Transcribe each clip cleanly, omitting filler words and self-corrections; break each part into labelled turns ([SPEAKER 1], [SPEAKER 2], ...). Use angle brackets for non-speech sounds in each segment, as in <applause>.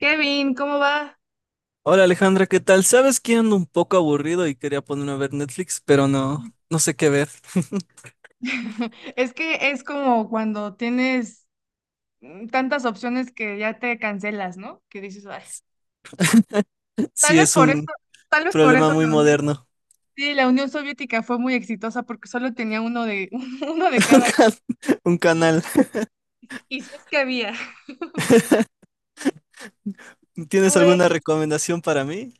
[SPEAKER 1] Kevin, ¿cómo va?
[SPEAKER 2] Hola Alejandra, ¿qué tal? Sabes que ando un poco aburrido y quería ponerme a ver Netflix, pero no sé qué ver. <laughs>
[SPEAKER 1] <laughs> Es que es como cuando tienes tantas opciones que ya te cancelas, ¿no? Que dices, "Ay". Tal
[SPEAKER 2] Sí,
[SPEAKER 1] vez
[SPEAKER 2] es
[SPEAKER 1] por eso,
[SPEAKER 2] un
[SPEAKER 1] tal vez por
[SPEAKER 2] problema
[SPEAKER 1] eso
[SPEAKER 2] muy
[SPEAKER 1] la Unión,
[SPEAKER 2] moderno.
[SPEAKER 1] sí, la Unión Soviética fue muy exitosa porque solo tenía uno de, <laughs> uno de
[SPEAKER 2] <laughs> Un
[SPEAKER 1] cada. <laughs>
[SPEAKER 2] can- un canal.
[SPEAKER 1] Y si es que había.
[SPEAKER 2] ¿Tienes
[SPEAKER 1] Pues
[SPEAKER 2] alguna recomendación para mí?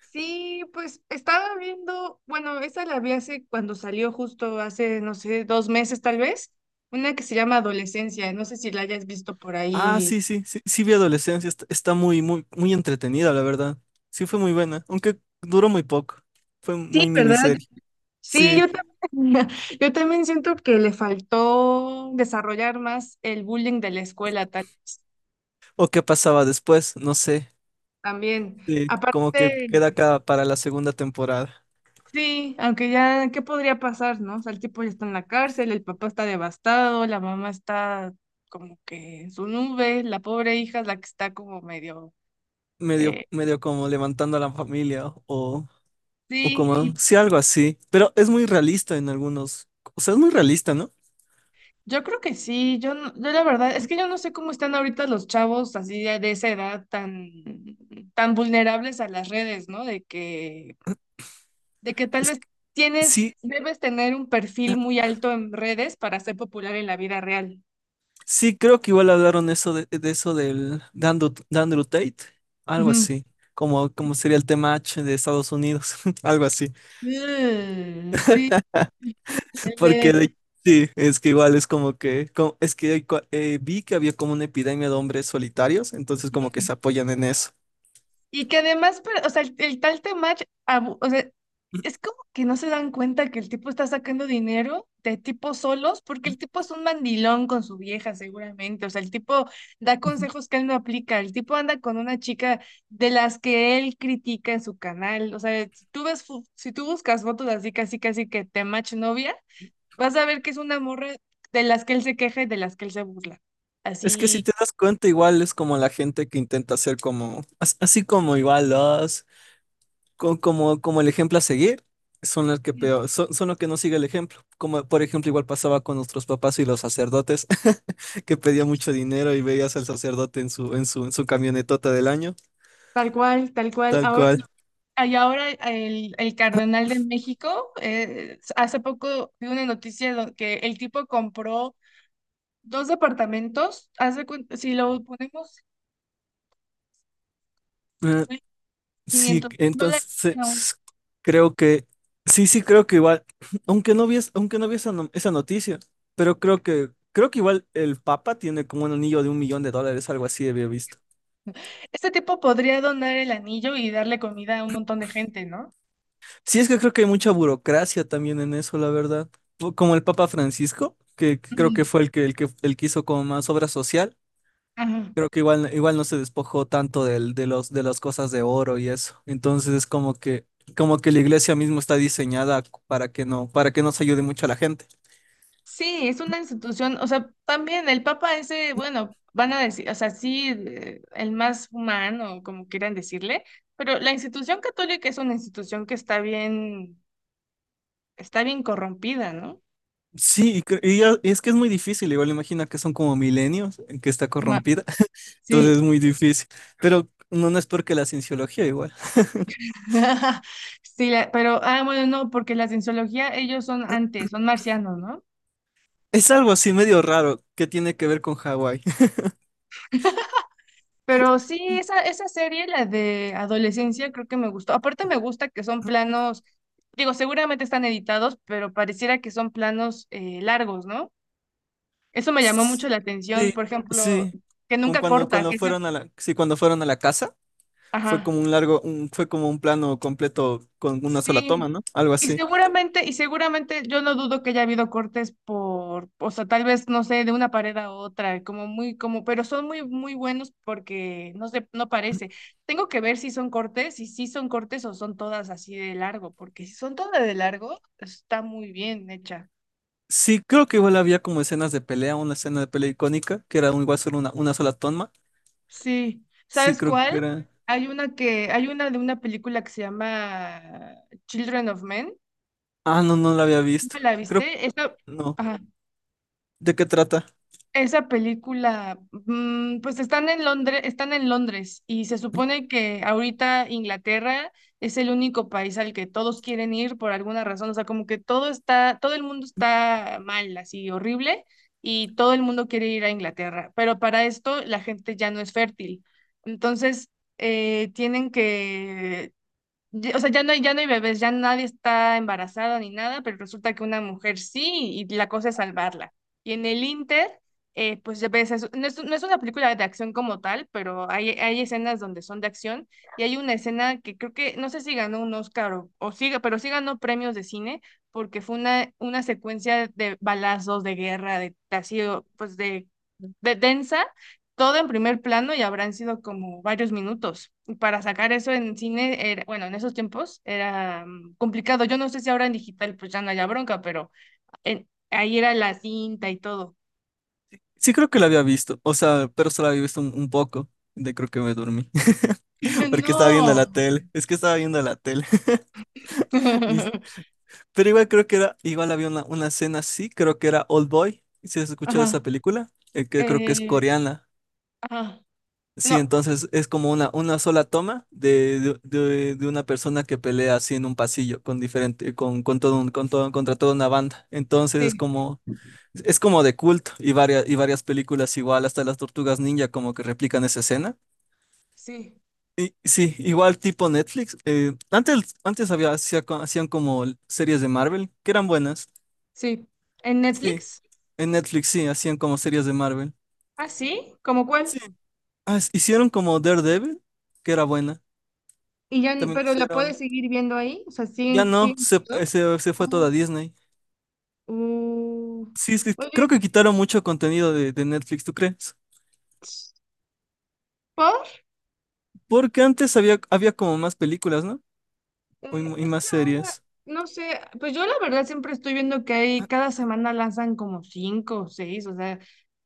[SPEAKER 1] sí, pues estaba viendo, bueno, esa la vi hace cuando salió justo hace, no sé, 2 meses tal vez, una que se llama Adolescencia, no sé si la hayas visto por
[SPEAKER 2] Ah,
[SPEAKER 1] ahí.
[SPEAKER 2] sí, sí, sí, sí vi Adolescencia, está muy, muy, muy entretenida, la verdad. Sí fue muy buena, aunque duró muy poco. Fue
[SPEAKER 1] Sí,
[SPEAKER 2] muy
[SPEAKER 1] ¿verdad?
[SPEAKER 2] miniserie.
[SPEAKER 1] Sí, yo
[SPEAKER 2] Sí.
[SPEAKER 1] también, <laughs> yo también siento que le faltó desarrollar más el bullying de la escuela tal,
[SPEAKER 2] ¿O qué pasaba después? No sé.
[SPEAKER 1] también.
[SPEAKER 2] Sí, como que
[SPEAKER 1] Aparte,
[SPEAKER 2] queda acá para la segunda temporada.
[SPEAKER 1] sí, aunque ya, ¿qué podría pasar, no? O sea, el tipo ya está en la cárcel, el papá está devastado, la mamá está como que en su nube, la pobre hija es la que está como medio...
[SPEAKER 2] Medio,
[SPEAKER 1] eh,
[SPEAKER 2] medio como levantando a la familia o
[SPEAKER 1] sí,
[SPEAKER 2] como
[SPEAKER 1] y
[SPEAKER 2] sí, algo así, pero es muy realista en algunos, o sea, es muy realista, ¿no?
[SPEAKER 1] yo creo que sí, yo, yo la verdad, es que yo no sé cómo están ahorita los chavos así de esa edad tan, tan vulnerables a las redes, ¿no? De que tal
[SPEAKER 2] Es que
[SPEAKER 1] vez tienes,
[SPEAKER 2] sí,
[SPEAKER 1] debes tener un perfil muy alto en redes para ser popular en la vida real.
[SPEAKER 2] sí, creo que igual hablaron eso de eso del de Andrew Tate, algo
[SPEAKER 1] Ujú.
[SPEAKER 2] así, como, como sería el tema H de Estados Unidos, <laughs> algo así,
[SPEAKER 1] Mm, sí, el
[SPEAKER 2] porque
[SPEAKER 1] de-
[SPEAKER 2] de- sí, es que igual es como que, es que hay vi que había como una epidemia de hombres solitarios, entonces como que se apoyan en eso.
[SPEAKER 1] y que además, pero, o sea, el tal Temach, o sea, es como que no se dan cuenta que el tipo está sacando dinero de tipos solos, porque el tipo es un mandilón con su vieja, seguramente. O sea, el tipo da
[SPEAKER 2] Ujú.
[SPEAKER 1] consejos que él no aplica. El tipo anda con una chica de las que él critica en su canal. O sea, si tú ves, si tú buscas fotos así, casi, casi que Temach novia, vas a ver que es una morra de las que él se queja y de las que él se burla.
[SPEAKER 2] Es que si
[SPEAKER 1] Así,
[SPEAKER 2] te das cuenta, igual es como la gente que intenta hacer como, así como igual los como, como el ejemplo a seguir, son los que peor, son los que no siguen el ejemplo. Como por ejemplo, igual pasaba con nuestros papás y los sacerdotes, <laughs> que pedían mucho dinero y veías al sacerdote en su, en su camionetota del año,
[SPEAKER 1] tal cual, tal cual.
[SPEAKER 2] tal
[SPEAKER 1] Ahora.
[SPEAKER 2] cual.
[SPEAKER 1] Y ahora el cardenal de México, hace poco vi una noticia que el tipo compró 2 departamentos, hace, si lo ponemos,
[SPEAKER 2] Eh,
[SPEAKER 1] en
[SPEAKER 2] sí,
[SPEAKER 1] $500,000. No.
[SPEAKER 2] entonces creo que, sí, sí, creo que igual, <clears throat> aunque no vi, aunque no vi esa, esa noticia, pero creo que igual el Papa tiene como un anillo de $1 millón, algo así había visto.
[SPEAKER 1] Este tipo podría donar el anillo y darle comida a un montón de gente, ¿no?
[SPEAKER 2] Sí, es que creo que hay mucha burocracia también en eso, la verdad. O como el Papa Francisco, que creo que
[SPEAKER 1] Ujú.
[SPEAKER 2] fue el que, el que hizo como más obra social,
[SPEAKER 1] Ajá.
[SPEAKER 2] creo que igual, igual no se despojó tanto del, de las cosas de oro y eso. Entonces es como que la iglesia misma está diseñada para que no se ayude mucho a la gente.
[SPEAKER 1] Sí, es una institución, o sea, también el Papa ese, bueno, van a decir, o sea, sí, el más humano, como quieran decirle, pero la institución católica es una institución que está bien corrompida, ¿no?
[SPEAKER 2] Sí, y, y es que es muy difícil, igual imagina que son como milenios en que está
[SPEAKER 1] Ajá,
[SPEAKER 2] corrompida, <laughs> entonces
[SPEAKER 1] sí.
[SPEAKER 2] es muy difícil. Pero no, no es porque la cienciología igual.
[SPEAKER 1] <laughs> Sí, pero, ah, bueno, no, porque la cienciología, ellos son antes, son marcianos, ¿no?
[SPEAKER 2] Es algo así medio raro que tiene que ver con Hawái.
[SPEAKER 1] Pero sí, esa,
[SPEAKER 2] <laughs>
[SPEAKER 1] esa serie, la de adolescencia, creo que me gustó. Aparte me gusta que son planos, digo, seguramente están editados, pero pareciera que son planos largos, ¿no? Eso me llamó mucho la atención,
[SPEAKER 2] Sí,
[SPEAKER 1] por ejemplo,
[SPEAKER 2] sí.
[SPEAKER 1] que
[SPEAKER 2] Con
[SPEAKER 1] nunca
[SPEAKER 2] cuando,
[SPEAKER 1] corta,
[SPEAKER 2] cuando
[SPEAKER 1] que se...
[SPEAKER 2] fueron a la, sí, cuando fueron a la casa, fue
[SPEAKER 1] Ajá.
[SPEAKER 2] como un largo, fue como un plano completo con una sola toma,
[SPEAKER 1] Sí,
[SPEAKER 2] ¿no? Algo así.
[SPEAKER 1] y seguramente yo no dudo que haya habido cortes por, o sea, tal vez, no sé, de una pared a otra, como muy, como, pero son muy, muy buenos porque no sé, no parece. Tengo que ver si son cortes, si sí son cortes o son todas así de largo, porque si son todas de largo, está muy bien hecha.
[SPEAKER 2] Sí, creo que igual había como escenas de pelea, una escena de pelea icónica, que era igual solo una sola toma.
[SPEAKER 1] Sí,
[SPEAKER 2] Sí,
[SPEAKER 1] ¿sabes
[SPEAKER 2] creo que
[SPEAKER 1] cuál?
[SPEAKER 2] era.
[SPEAKER 1] Hay una que, hay una de una película que se llama Children of Men.
[SPEAKER 2] Ah, no, no la había visto.
[SPEAKER 1] ¿Me la
[SPEAKER 2] Creo,
[SPEAKER 1] viste? Esa,
[SPEAKER 2] no.
[SPEAKER 1] ajá.
[SPEAKER 2] ¿De qué trata?
[SPEAKER 1] Esa película, pues están en Londres y se supone que ahorita Inglaterra es el único país al que todos quieren ir por alguna razón, o sea, como que todo está, todo el mundo está mal, así horrible y todo el mundo quiere ir a Inglaterra, pero para esto la gente ya no es fértil, entonces tienen que o sea, ya no hay bebés, ya nadie está embarazado ni nada, pero resulta que una mujer sí, y la cosa es salvarla. Y en el Inter, pues ya ves, no es, no es una película de acción como tal, pero hay escenas donde son de acción, y hay una escena que creo que, no sé si ganó un Oscar o sí, pero sí ganó premios de cine, porque fue una secuencia de balazos, de guerra, de así, o, pues de densa, todo en primer plano y habrán sido como varios minutos para sacar eso en cine, era, bueno, en esos tiempos era complicado. Yo no sé si ahora en digital pues ya no haya bronca, pero ahí era la cinta y todo.
[SPEAKER 2] Sí creo que la había visto, o sea, pero solo había visto un poco, de creo que me dormí, <laughs>
[SPEAKER 1] <laughs>
[SPEAKER 2] porque estaba viendo
[SPEAKER 1] No.
[SPEAKER 2] la tele, es que estaba viendo la tele. <laughs> Ni-
[SPEAKER 1] <laughs>
[SPEAKER 2] pero igual creo que era, igual había una escena así, creo que era Old Boy, si has escuchado
[SPEAKER 1] Ajá.
[SPEAKER 2] esa película. Que creo que es
[SPEAKER 1] Eh,
[SPEAKER 2] coreana,
[SPEAKER 1] ajá.
[SPEAKER 2] sí,
[SPEAKER 1] No.
[SPEAKER 2] entonces es como una sola toma de una persona que pelea así en un pasillo con diferente, con con todo, contra toda una banda, entonces es
[SPEAKER 1] Sí,
[SPEAKER 2] como... Es como de culto y varias películas igual, hasta las Tortugas Ninja como que replican esa escena.
[SPEAKER 1] sí,
[SPEAKER 2] Y sí, igual tipo Netflix. Antes, antes había, hacían como series de Marvel, que eran buenas.
[SPEAKER 1] sí. ¿En
[SPEAKER 2] Sí,
[SPEAKER 1] Netflix?
[SPEAKER 2] en Netflix sí, hacían como series de Marvel.
[SPEAKER 1] Ah, sí, ¿cómo cuál?
[SPEAKER 2] Sí, ah, hicieron como Daredevil, que era buena.
[SPEAKER 1] Y ya,
[SPEAKER 2] También
[SPEAKER 1] pero la
[SPEAKER 2] hicieron,
[SPEAKER 1] puedes seguir viendo ahí, o sea,
[SPEAKER 2] ya
[SPEAKER 1] siguen,
[SPEAKER 2] no,
[SPEAKER 1] siguen
[SPEAKER 2] se,
[SPEAKER 1] todas?
[SPEAKER 2] se, se fue
[SPEAKER 1] Ah,
[SPEAKER 2] toda Disney.
[SPEAKER 1] uh,
[SPEAKER 2] Sí, es que
[SPEAKER 1] oye,
[SPEAKER 2] creo que quitaron mucho contenido de Netflix, ¿tú crees?
[SPEAKER 1] ¿Paul?
[SPEAKER 2] Porque antes había, había como más películas, ¿no? O Y, y
[SPEAKER 1] Es
[SPEAKER 2] más
[SPEAKER 1] que ahora,
[SPEAKER 2] series.
[SPEAKER 1] no sé, pues yo la verdad siempre estoy viendo que hay,
[SPEAKER 2] Ah,
[SPEAKER 1] cada semana lanzan como cinco o seis, o sea,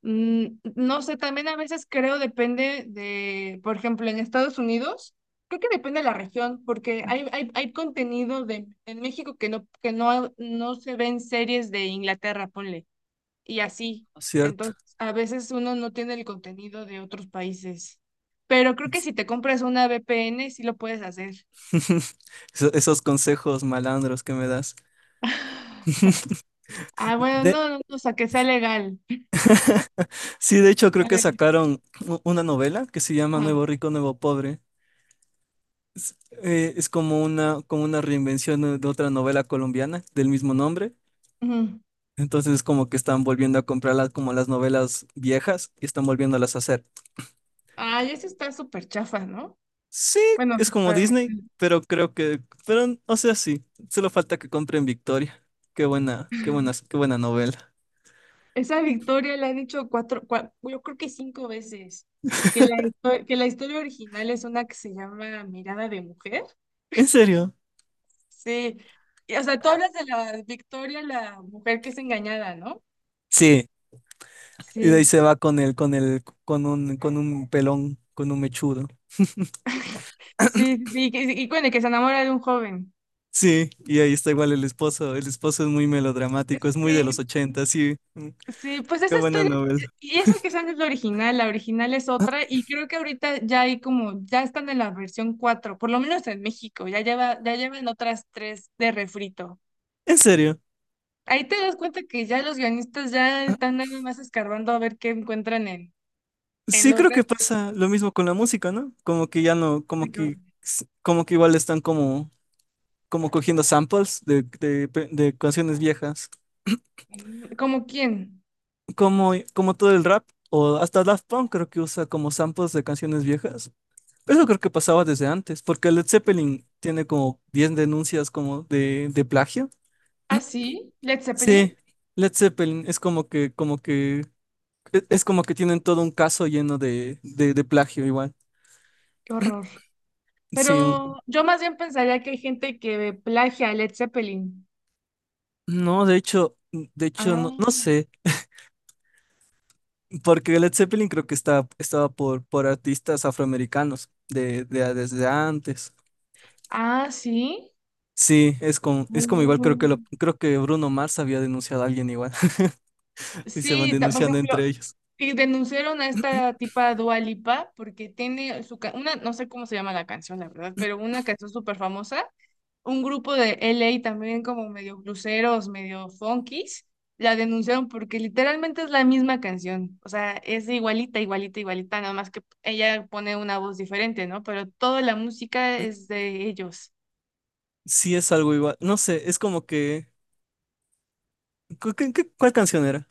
[SPEAKER 1] mm, no sé, también a veces creo depende de, por ejemplo, en Estados Unidos, creo que depende de la región, porque hay contenido de, en México que no, no se ven series de Inglaterra, ponle, y así.
[SPEAKER 2] no, cierto.
[SPEAKER 1] Entonces, a veces uno no tiene el contenido de otros países, pero creo que si te
[SPEAKER 2] <laughs>
[SPEAKER 1] compras una VPN, sí lo puedes hacer.
[SPEAKER 2] Eso- Esos consejos malandros que me das.
[SPEAKER 1] <laughs> Ah, bueno,
[SPEAKER 2] De-
[SPEAKER 1] no, no, no, o sea, que sea legal. <laughs>
[SPEAKER 2] sí, de hecho, creo que
[SPEAKER 1] Que
[SPEAKER 2] sacaron una novela que se llama
[SPEAKER 1] ah,
[SPEAKER 2] Nuevo Rico, Nuevo Pobre. Es, es como una reinvención de otra novela colombiana del mismo nombre.
[SPEAKER 1] ujú.
[SPEAKER 2] Entonces, como que están volviendo a comprarlas como las novelas viejas y están volviéndolas a hacer.
[SPEAKER 1] Ay, eso está súper chafa, ¿no?
[SPEAKER 2] Sí,
[SPEAKER 1] Bueno,
[SPEAKER 2] es como
[SPEAKER 1] súper.
[SPEAKER 2] Disney, pero creo que, pero, o sea, sí, solo falta que compren Victoria. Qué buena, qué buena, qué buena novela.
[SPEAKER 1] Esa victoria la han hecho cuatro, yo creo que cinco veces. Que la, que la historia original es una que se llama Mirada de Mujer.
[SPEAKER 2] ¿En serio?
[SPEAKER 1] Sí. Y, o sea, tú hablas de la Victoria, la mujer que es engañada, ¿no?
[SPEAKER 2] Sí, y de ahí
[SPEAKER 1] Sí,
[SPEAKER 2] se va con el, con el, con un pelón, con un mechudo.
[SPEAKER 1] sí, sí, y, bueno, que se enamora de un joven.
[SPEAKER 2] Sí, y ahí está igual el esposo. El esposo es muy melodramático, es muy de los
[SPEAKER 1] Sí,
[SPEAKER 2] 80, sí. Mm,
[SPEAKER 1] sí, pues
[SPEAKER 2] qué
[SPEAKER 1] esa
[SPEAKER 2] buena
[SPEAKER 1] historia,
[SPEAKER 2] novela.
[SPEAKER 1] y eso que esa no es la original es otra, y creo que ahorita ya hay como, ya están en la versión 4, por lo menos en México, ya lleva, ya llevan otras tres de refrito.
[SPEAKER 2] En serio,
[SPEAKER 1] Ahí te das cuenta que ya los guionistas ya están nada más escarbando a ver qué encuentran en
[SPEAKER 2] sí
[SPEAKER 1] los
[SPEAKER 2] creo que
[SPEAKER 1] retos.
[SPEAKER 2] pasa lo mismo con la música, ¿no? Como que ya no,
[SPEAKER 1] Ay, qué horror.
[SPEAKER 2] como que igual están como, como cogiendo samples de canciones viejas.
[SPEAKER 1] Mm, ¿cómo quién?
[SPEAKER 2] Como, como todo el rap, o hasta Daft Punk creo que usa como samples de canciones viejas. Eso creo que pasaba desde antes, porque Led Zeppelin tiene como 10 denuncias como de plagio. <clears throat>
[SPEAKER 1] Ah, sí, Led
[SPEAKER 2] Sí,
[SPEAKER 1] Zeppelin,
[SPEAKER 2] Led Zeppelin es como que, es como que tienen todo un caso lleno de plagio igual.
[SPEAKER 1] qué horror.
[SPEAKER 2] Sí,
[SPEAKER 1] Pero yo más bien pensaría que hay gente que plagia a Led Zeppelin.
[SPEAKER 2] no, de hecho, no,
[SPEAKER 1] Ah,
[SPEAKER 2] no sé, porque Led Zeppelin creo que está, estaba por artistas afroamericanos de, desde antes.
[SPEAKER 1] ah, sí.
[SPEAKER 2] Sí, es como igual, creo que lo,
[SPEAKER 1] Oh.
[SPEAKER 2] creo que Bruno Mars había denunciado a alguien igual, <laughs> y se van
[SPEAKER 1] Sí, por
[SPEAKER 2] denunciando
[SPEAKER 1] ejemplo,
[SPEAKER 2] entre ellos.
[SPEAKER 1] y denunciaron a esta tipa Dua Lipa porque tiene su una, no sé cómo se llama la canción, la verdad, pero una canción súper famosa. Un grupo de LA también como medio bluseros, medio funkies, la denunciaron porque literalmente es la misma canción. O sea, es igualita, igualita, igualita, nada más que ella pone una voz diferente, ¿no? Pero toda la música es de ellos.
[SPEAKER 2] Sí es algo igual. No sé, es como que... ¿Cuál canción era?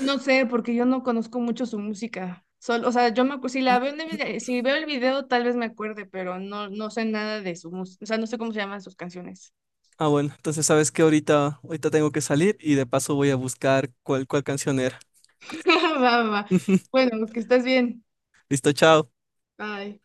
[SPEAKER 1] No sé, porque yo no conozco mucho su música. Solo, o sea, yo si la veo en el si veo el video tal vez me acuerde, pero no, no sé nada de su música, o sea, no sé cómo se llaman sus canciones.
[SPEAKER 2] Ah, bueno, entonces sabes que ahorita, ahorita tengo que salir y de paso voy a buscar cuál, cuál canción era.
[SPEAKER 1] <laughs> Va, va, va.
[SPEAKER 2] <laughs>
[SPEAKER 1] Bueno, que estés bien.
[SPEAKER 2] Listo, chao.
[SPEAKER 1] Bye.